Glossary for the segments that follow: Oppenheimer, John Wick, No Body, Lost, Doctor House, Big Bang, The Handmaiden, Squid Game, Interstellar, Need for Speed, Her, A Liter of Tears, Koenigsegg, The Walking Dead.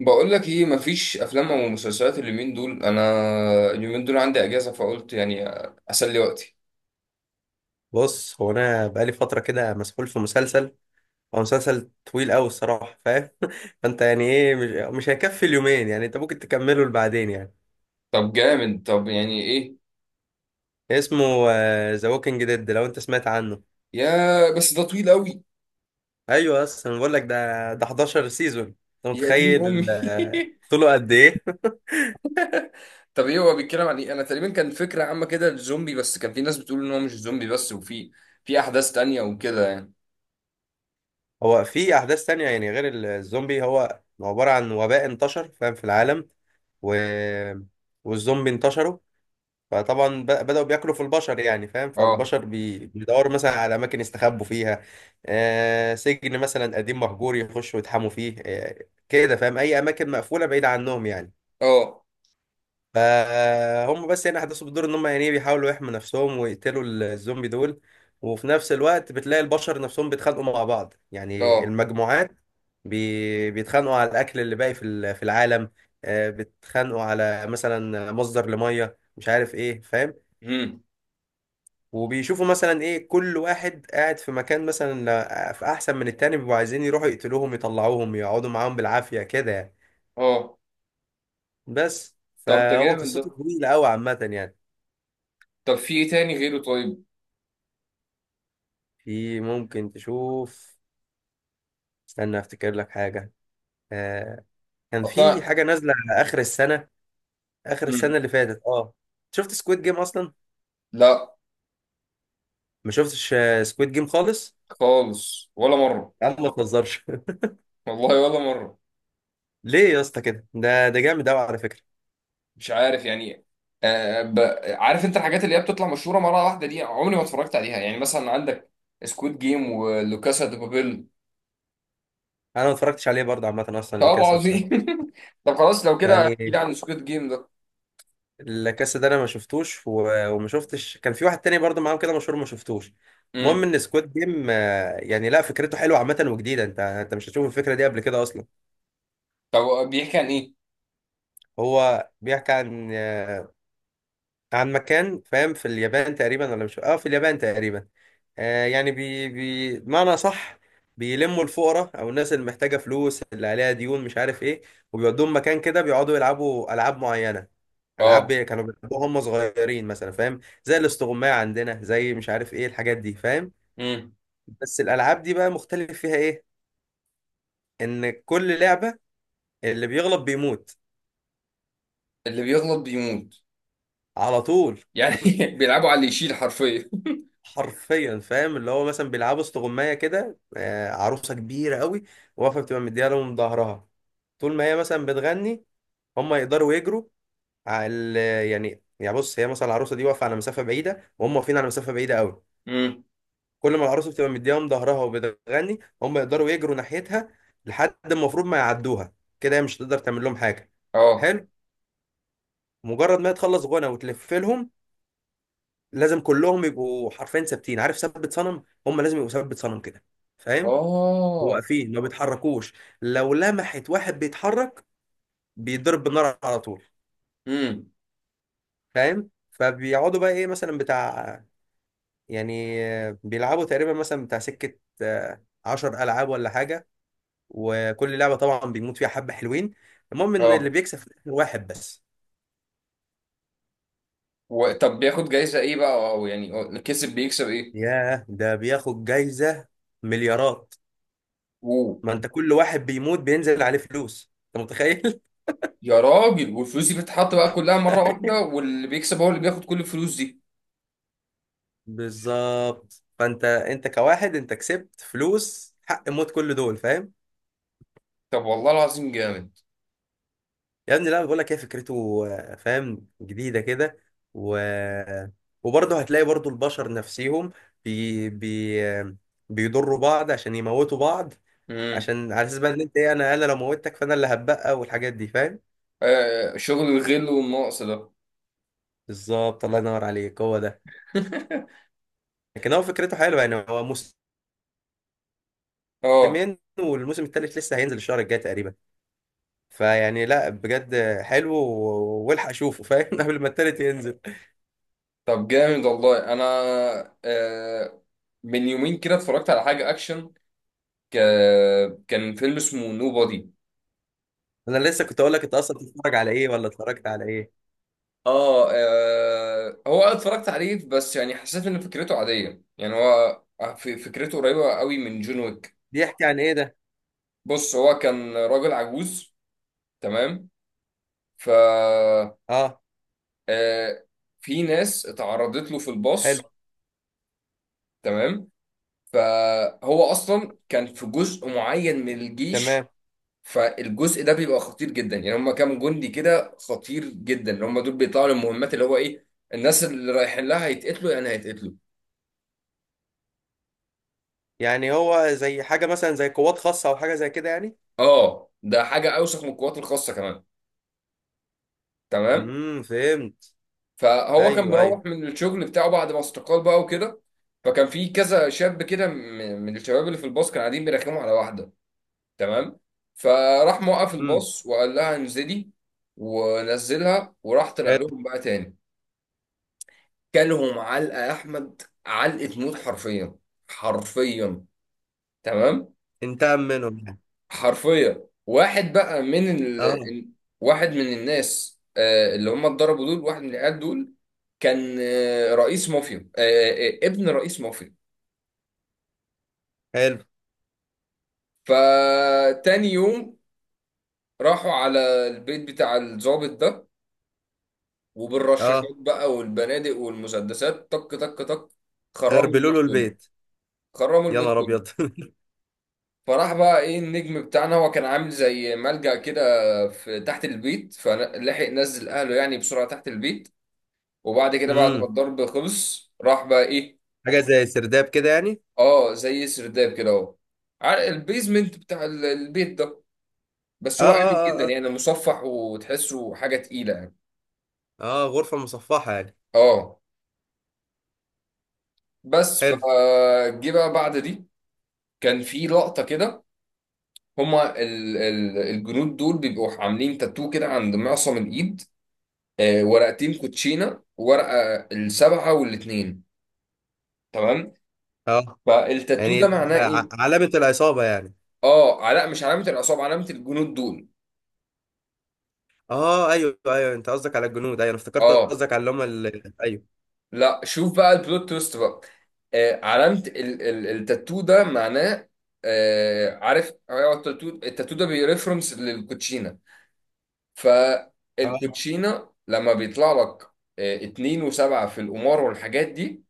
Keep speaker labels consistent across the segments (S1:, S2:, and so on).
S1: بقول لك ايه، مفيش افلام او مسلسلات اليومين دول. انا اليومين دول عندي اجازه، فقلت يعني اسلي وقتي.
S2: بص، هو انا بقالي فتره كده مسحول في مسلسل. هو مسلسل طويل قوي الصراحه، فاهم؟ فانت يعني ايه، مش هيكفي اليومين يعني، انت ممكن تكمله لبعدين يعني.
S1: طب جامد. طب يعني ايه؟
S2: اسمه ذا ووكينج ديد، لو انت سمعت عنه.
S1: يا بس ده طويل قوي.
S2: ايوه، بس انا بقول لك ده 11 سيزون، انت
S1: يا دين
S2: متخيل
S1: امي.
S2: طوله قد ايه؟
S1: طب ايه هو بيتكلم عن ايه؟ انا تقريبا كان فكره عامه كده الزومبي، بس كان في ناس بتقول ان هو مش زومبي بس، وفي احداث تانية وكده يعني.
S2: هو في احداث تانية، يعني غير الزومبي. هو عباره عن وباء انتشر، فاهم، في العالم، و... والزومبي انتشروا. فطبعا بدأوا بياكلوا في البشر، يعني فاهم،
S1: اه،
S2: فالبشر بيدوروا مثلا على أماكن يستخبوا فيها. آه، سجن مثلا قديم مهجور يخشوا يتحموا فيه، آه كده، فاهم، أي أماكن مقفولة بعيدة عنهم يعني.
S1: اه،
S2: فهم بس يعني أحداثه بتدور إن هم يعني إيه، بيحاولوا يحموا نفسهم ويقتلوا الزومبي دول. وفي نفس الوقت بتلاقي البشر نفسهم بيتخانقوا مع بعض، يعني
S1: اه.
S2: المجموعات بيتخانقوا على الأكل اللي باقي في في العالم. آه بيتخانقوا على مثلا مصدر لمية، مش عارف إيه، فاهم.
S1: امم.
S2: وبيشوفوا مثلا ايه، كل واحد قاعد في مكان مثلا في احسن من التاني، بيبقوا عايزين يروحوا يقتلوهم يطلعوهم يقعدوا معاهم بالعافية كده يعني.
S1: اه،
S2: بس
S1: طب ده
S2: فهو
S1: جامد
S2: قصته
S1: ده.
S2: طويلة قوي عامة يعني.
S1: طب في ايه تاني غيره؟ طيب.
S2: في ممكن تشوف، استنى افتكر لك حاجة. آه. كان في
S1: اصلا.
S2: حاجة نازلة على اخر السنة، اخر
S1: مم.
S2: السنة اللي فاتت. اه، شفت سكويد جيم اصلا؟
S1: لا.
S2: ما شفتش سكويد جيم خالص؟
S1: خالص، ولا مره.
S2: يا عم ما تهزرش.
S1: والله، ولا مره.
S2: ليه يا اسطى كده؟ ده جامد قوي على فكرة.
S1: مش عارف يعني. آه ب... عارف انت الحاجات اللي هي بتطلع مشهوره مره واحده دي، عمري ما اتفرجت عليها، يعني مثلا عندك سكويد جيم ولوكاسا دي بابيل.
S2: انا ما اتفرجتش عليه برضه عامة، اصلا
S1: طب
S2: اللي كاسل ده،
S1: عظيم. طب خلاص، لو كده احكي
S2: يعني
S1: لي عن سكويد جيم ده.
S2: الكاس ده انا ما شفتوش، وما شفتش. كان في واحد تاني برضه معاهم كده مشهور، ما شفتوش. المهم
S1: امم.
S2: ان سكواد جيم يعني لا، فكرته حلوه عامه وجديده. انت مش هتشوف الفكره دي قبل كده اصلا.
S1: طب بيحكي عن ايه؟
S2: هو بيحكي عن عن مكان، فاهم، في اليابان تقريبا ولا مش، اه في اليابان تقريبا. آه يعني، بي معنى صح، بيلموا الفقراء او الناس اللي محتاجه فلوس، اللي عليها ديون، مش عارف ايه، وبيودوهم مكان كده بيقعدوا يلعبوا العاب معينه. العاب
S1: اه.
S2: كانوا بيلعبوها هم صغيرين مثلا، فاهم، زي الاستغمايه عندنا، زي مش عارف ايه الحاجات دي، فاهم.
S1: امم.
S2: بس الالعاب دي بقى مختلف فيها ايه؟ ان كل لعبه اللي بيغلب بيموت
S1: اللي بيغلط بيموت.
S2: على طول.
S1: يعني بيلعبوا على اللي يشيل حرفيا.
S2: حرفيا، فاهم، اللي هو مثلا بيلعبوا استغمايه كده، عروسه كبيره قوي واقفه، بتبقى مديها لهم ظهرها. طول ما هي مثلا بتغني، هم يقدروا يجروا على ال- يعني يعني بص هي مثلا العروسه دي واقفه على مسافه بعيده، وهم واقفين على مسافه بعيده قوي.
S1: امم.
S2: كل ما العروسه بتبقى مديهم ظهرها وبتغني، هم يقدروا يجروا ناحيتها لحد ما المفروض ما يعدوها. كده هي مش هتقدر تعمل لهم حاجه.
S1: اه.
S2: حلو. مجرد ما هي تخلص غنى وتلف لهم، لازم كلهم يبقوا حرفيا ثابتين، عارف ثبت صنم، هم لازم يبقوا ثبت صنم كده، فاهم. هو
S1: اه.
S2: واقفين ما بيتحركوش، لو لمحت واحد بيتحرك بيضرب بالنار على طول،
S1: امم.
S2: فاهم. فبيقعدوا بقى ايه مثلا بتاع، يعني بيلعبوا تقريبا مثلا بتاع سكة عشر ألعاب ولا حاجة. وكل لعبة طبعا بيموت فيها حبة حلوين. المهم إن
S1: اه.
S2: اللي بيكسب في الآخر واحد بس.
S1: طب بياخد جايزه ايه بقى، او يعني بيكسب؟
S2: ياه، ده بياخد جايزة مليارات.
S1: ايه!
S2: ما أنت كل واحد بيموت بينزل عليه فلوس، أنت متخيل؟
S1: يا راجل، والفلوس دي بتتحط بقى كلها مرة واحدة، واللي بيكسب هو اللي بياخد كل الفلوس دي.
S2: بالظبط. فانت انت كواحد انت كسبت فلوس حق موت كل دول، فاهم.
S1: طب والله العظيم جامد.
S2: يا ابني، لا بقول لك ايه، فكرته فاهم، جديده كده، و وبرضه هتلاقي برضه البشر نفسهم بي... بي... آه، بيضروا بعض عشان يموتوا بعض.
S1: امم.
S2: عشان على اساس بقى ان انت ايه، انا لو موتك فانا اللي هتبقى، والحاجات دي، فاهم.
S1: آه، شغل الغل والنقص ده.
S2: بالظبط، الله ينور عليك، هو ده. لكن هو فكرته حلوه يعني. هو
S1: اه.
S2: موسمين، والموسم الثالث لسه هينزل الشهر الجاي تقريبا. فيعني لا بجد حلو، والحق اشوفه، فاهم، قبل ما التالت ينزل.
S1: طب جامد والله. انا آه من يومين كده اتفرجت على حاجة اكشن. ك... كان فيلم اسمه نو بادي.
S2: انا لسه كنت اقول لك انت اصلا بتتفرج على ايه، ولا اتفرجت على ايه.
S1: هو أنا اتفرجت عليه، بس يعني حسيت ان فكرته عادية، يعني هو فكرته قريبة قوي من جون ويك.
S2: بيحكي عن ايه ده؟
S1: بص، هو كان راجل عجوز، تمام. ف
S2: اه،
S1: آه، في ناس اتعرضت له في
S2: حلو،
S1: الباص، تمام. فهو اصلا كان في جزء معين من الجيش،
S2: تمام.
S1: فالجزء ده بيبقى خطير جدا، يعني هم كام جندي كده خطير جدا اللي هم دول بيطلعوا للمهمات، اللي هو ايه، الناس اللي رايحين لها هيتقتلوا، يعني هيتقتلوا.
S2: يعني هو زي حاجة مثلا زي قوات خاصة او حاجة زي كده يعني.
S1: اه، ده حاجه اوسخ من القوات الخاصه كمان. تمام.
S2: امم، فهمت.
S1: فهو كان
S2: ايوه ايوه.
S1: مروح من الشغل بتاعه بعد ما استقال بقى وكده. فكان في كذا شاب كده، من الشباب اللي في الباص كانوا قاعدين بيرخموا على واحده، تمام. فراح موقف
S2: امم.
S1: الباص وقال لها انزلي، ونزلها، وراح طلع
S2: حلو.
S1: لهم بقى تاني. كلهم علقه يا احمد، علقه موت، حرفيا، حرفيا، تمام.
S2: انتقم منهم يعني.
S1: حرفيا واحد بقى
S2: اه،
S1: واحد من الناس، اللي هم اتضربوا دول، واحد من العيال دول كان آه، رئيس مافيا آه، آه، آه، ابن رئيس مافيا.
S2: حلو.
S1: فتاني يوم راحوا على البيت بتاع الضابط ده،
S2: اه،
S1: وبالرشاشات بقى والبنادق والمسدسات، طك طك طك، خرموا
S2: غربلوا
S1: البيت
S2: له
S1: كله،
S2: البيت.
S1: خرموا
S2: يا
S1: البيت
S2: نهار
S1: كله.
S2: ابيض.
S1: فراح بقى ايه، النجم بتاعنا، هو كان عامل زي ملجأ كده في تحت البيت، فلحق نزل اهله يعني بسرعة تحت البيت. وبعد كده، بعد ما
S2: امم،
S1: الضرب خلص، راح بقى ايه،
S2: حاجة زي سرداب كده يعني.
S1: اه، زي سرداب كده اهو، على البيزمنت بتاع البيت ده.
S2: اه
S1: بس هو آمن
S2: اه
S1: جدا،
S2: اه.
S1: يعني مصفح، وتحسه حاجة تقيلة يعني.
S2: اه اه، غرفة مصفحة يعني.
S1: اه. بس
S2: حلو.
S1: فجه بقى بعد دي، كان في لقطة كده. هما ال ال الجنود دول بيبقوا عاملين تاتو كده عند معصم الايد، ورقتين كوتشينه، ورقه السبعه والاثنين، تمام.
S2: اه
S1: فالتاتو ده
S2: يعني،
S1: معناه ايه؟
S2: علامة العصابة يعني.
S1: اه، لا، مش علامه العصابه، علامه الجنود دول.
S2: اه ايوه ايوه، انت قصدك على الجنود، ايوه انا افتكرت
S1: اه،
S2: قصدك على اللي هم ال... ايوه.
S1: لا، شوف بقى البلوت تويست بقى. آه علامه ال ال التاتو ده معناه، عارف، هو التاتو ده بيرفرنس للكوتشينه.
S2: اه.
S1: فالكوتشينه لما بيطلع لك اتنين وسبعة في القمار والحاجات دي،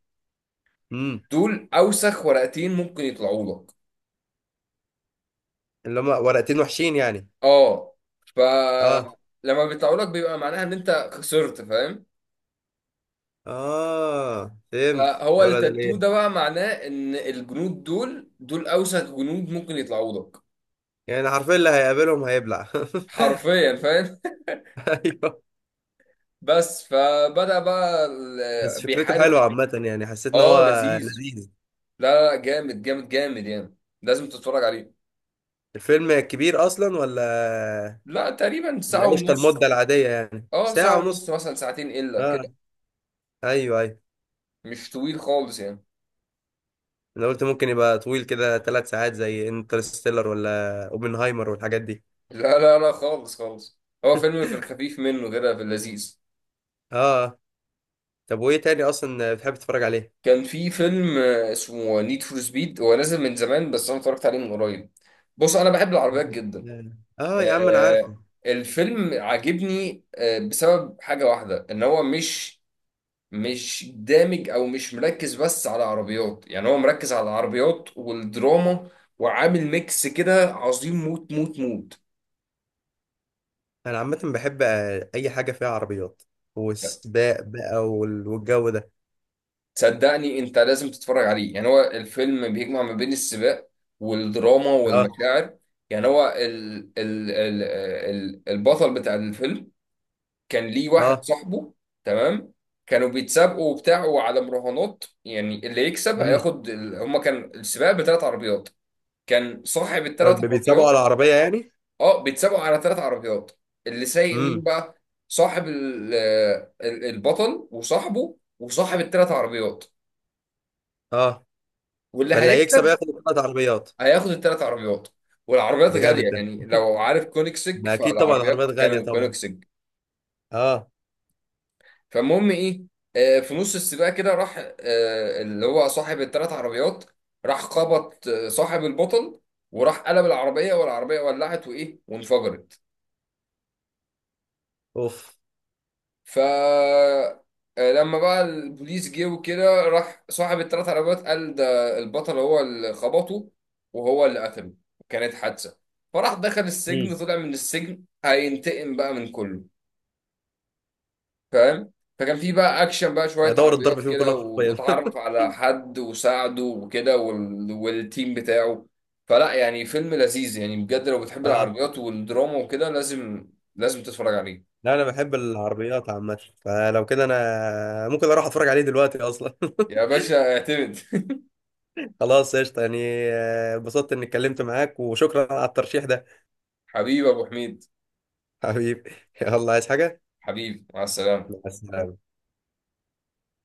S2: امم.
S1: دول اوسخ ورقتين ممكن يطلعوا لك.
S2: اللي هم ورقتين وحشين يعني.
S1: اه.
S2: اه.
S1: فلما بيطلعوا لك بيبقى معناها ان انت خسرت، فاهم.
S2: اه فهمت.
S1: فهو
S2: يا ولاد
S1: التاتو ده
S2: الايه،
S1: بقى معناه ان الجنود دول، دول اوسخ جنود ممكن يطلعوا لك.
S2: يعني حرفيا اللي هيقابلهم هيبلع.
S1: حرفيا، فاهم.
S2: ايوه.
S1: بس فبدأ بقى
S2: بس فكرته حلوه
S1: بيحارب.
S2: عامه، يعني حسيت ان
S1: اه،
S2: هو
S1: لذيذ.
S2: لذيذ.
S1: لا لا، جامد جامد جامد يعني، لازم تتفرج عليه.
S2: الفيلم كبير اصلا ولا؟
S1: لا تقريبا ساعة
S2: ولا قشطه،
S1: ونص.
S2: المده العاديه يعني،
S1: اه،
S2: ساعه
S1: ساعة ونص،
S2: ونص.
S1: مثلا ساعتين الا
S2: اه،
S1: كده،
S2: ايوه ايوه.
S1: مش طويل خالص يعني.
S2: انا قلت ممكن يبقى طويل كده 3 ساعات زي انترستيلر ولا اوبنهايمر والحاجات دي.
S1: لا لا لا، خالص خالص، هو فيلم في الخفيف منه كده في اللذيذ.
S2: اه. طب وايه تاني اصلا بتحب تتفرج عليه؟
S1: كان في فيلم اسمه نيد فور سبيد، هو نازل من زمان بس انا اتفرجت عليه من قريب. بص انا بحب العربيات جدا.
S2: اه يا عم انا عارف.
S1: آه الفيلم عاجبني بسبب حاجة واحدة، ان هو مش دامج او مش مركز بس على عربيات، يعني هو مركز على العربيات والدراما، وعامل ميكس كده عظيم موت موت موت.
S2: انا عامه بحب اي حاجه فيها عربيات، والسباق بقى والجو ده.
S1: صدقني انت لازم تتفرج عليه، يعني هو الفيلم بيجمع ما بين السباق والدراما
S2: اه
S1: والمشاعر. يعني هو ال ال ال ال البطل بتاع الفيلم كان ليه واحد
S2: اه.
S1: صاحبه، تمام. كانوا بيتسابقوا وبتاعوا على مراهنات، يعني اللي يكسب
S2: امم.
S1: هياخد هما كان السباق بثلاث عربيات. كان صاحب الثلاث
S2: رب بيتسابقوا على
S1: عربيات.
S2: العربيه يعني.
S1: اه، بيتسابقوا على ثلاث عربيات. اللي سايق مين
S2: امم.
S1: بقى؟ صاحب البطل وصاحبه وصاحب الثلاث عربيات،
S2: اه.
S1: واللي
S2: فاللي هيكسب
S1: هيكسب
S2: ياخد ثلاث عربيات.
S1: هياخد الثلاث عربيات. والعربيات
S2: ده
S1: غالية،
S2: جامد ده.
S1: يعني لو عارف كونيكسج
S2: ما اكيد طبعا العربيات
S1: فالعربيات
S2: غاليه
S1: كانوا
S2: طبعا.
S1: كونيكسج.
S2: اه.
S1: فالمهم ايه، في نص السباق كده راح، اللي هو صاحب الثلاث عربيات، راح خبط صاحب البطل، وراح قلب العربية، والعربية ولعت وايه وانفجرت.
S2: اوف.
S1: ف آه، لما بقى البوليس جه وكده، راح صاحب الثلاث عربيات قال ده البطل هو اللي خبطه وهو اللي قتله، كانت حادثة. فراح دخل السجن،
S2: امم.
S1: طلع من السجن هينتقم بقى من كله، فاهم. فكان في بقى اكشن بقى، شوية
S2: ادور الضرب
S1: عربيات
S2: فيهم
S1: كده،
S2: كلهم حرفيا.
S1: واتعرف على حد وساعده وكده والتيم بتاعه. فلا يعني فيلم لذيذ يعني، بجد لو بتحب
S2: اه.
S1: العربيات والدراما وكده، لازم لازم تتفرج عليه.
S2: لا انا بحب العربيات عامه، فلو كده انا ممكن اروح اتفرج عليه دلوقتي اصلا.
S1: يا باشا، اعتمد.
S2: خلاص قشطه يعني. اتبسطت اني اتكلمت معاك، وشكرا على الترشيح ده.
S1: حبيبي ابو حميد.
S2: حبيبي. يلا عايز حاجه؟
S1: حبيبي، مع السلامة.
S2: مع السلامة.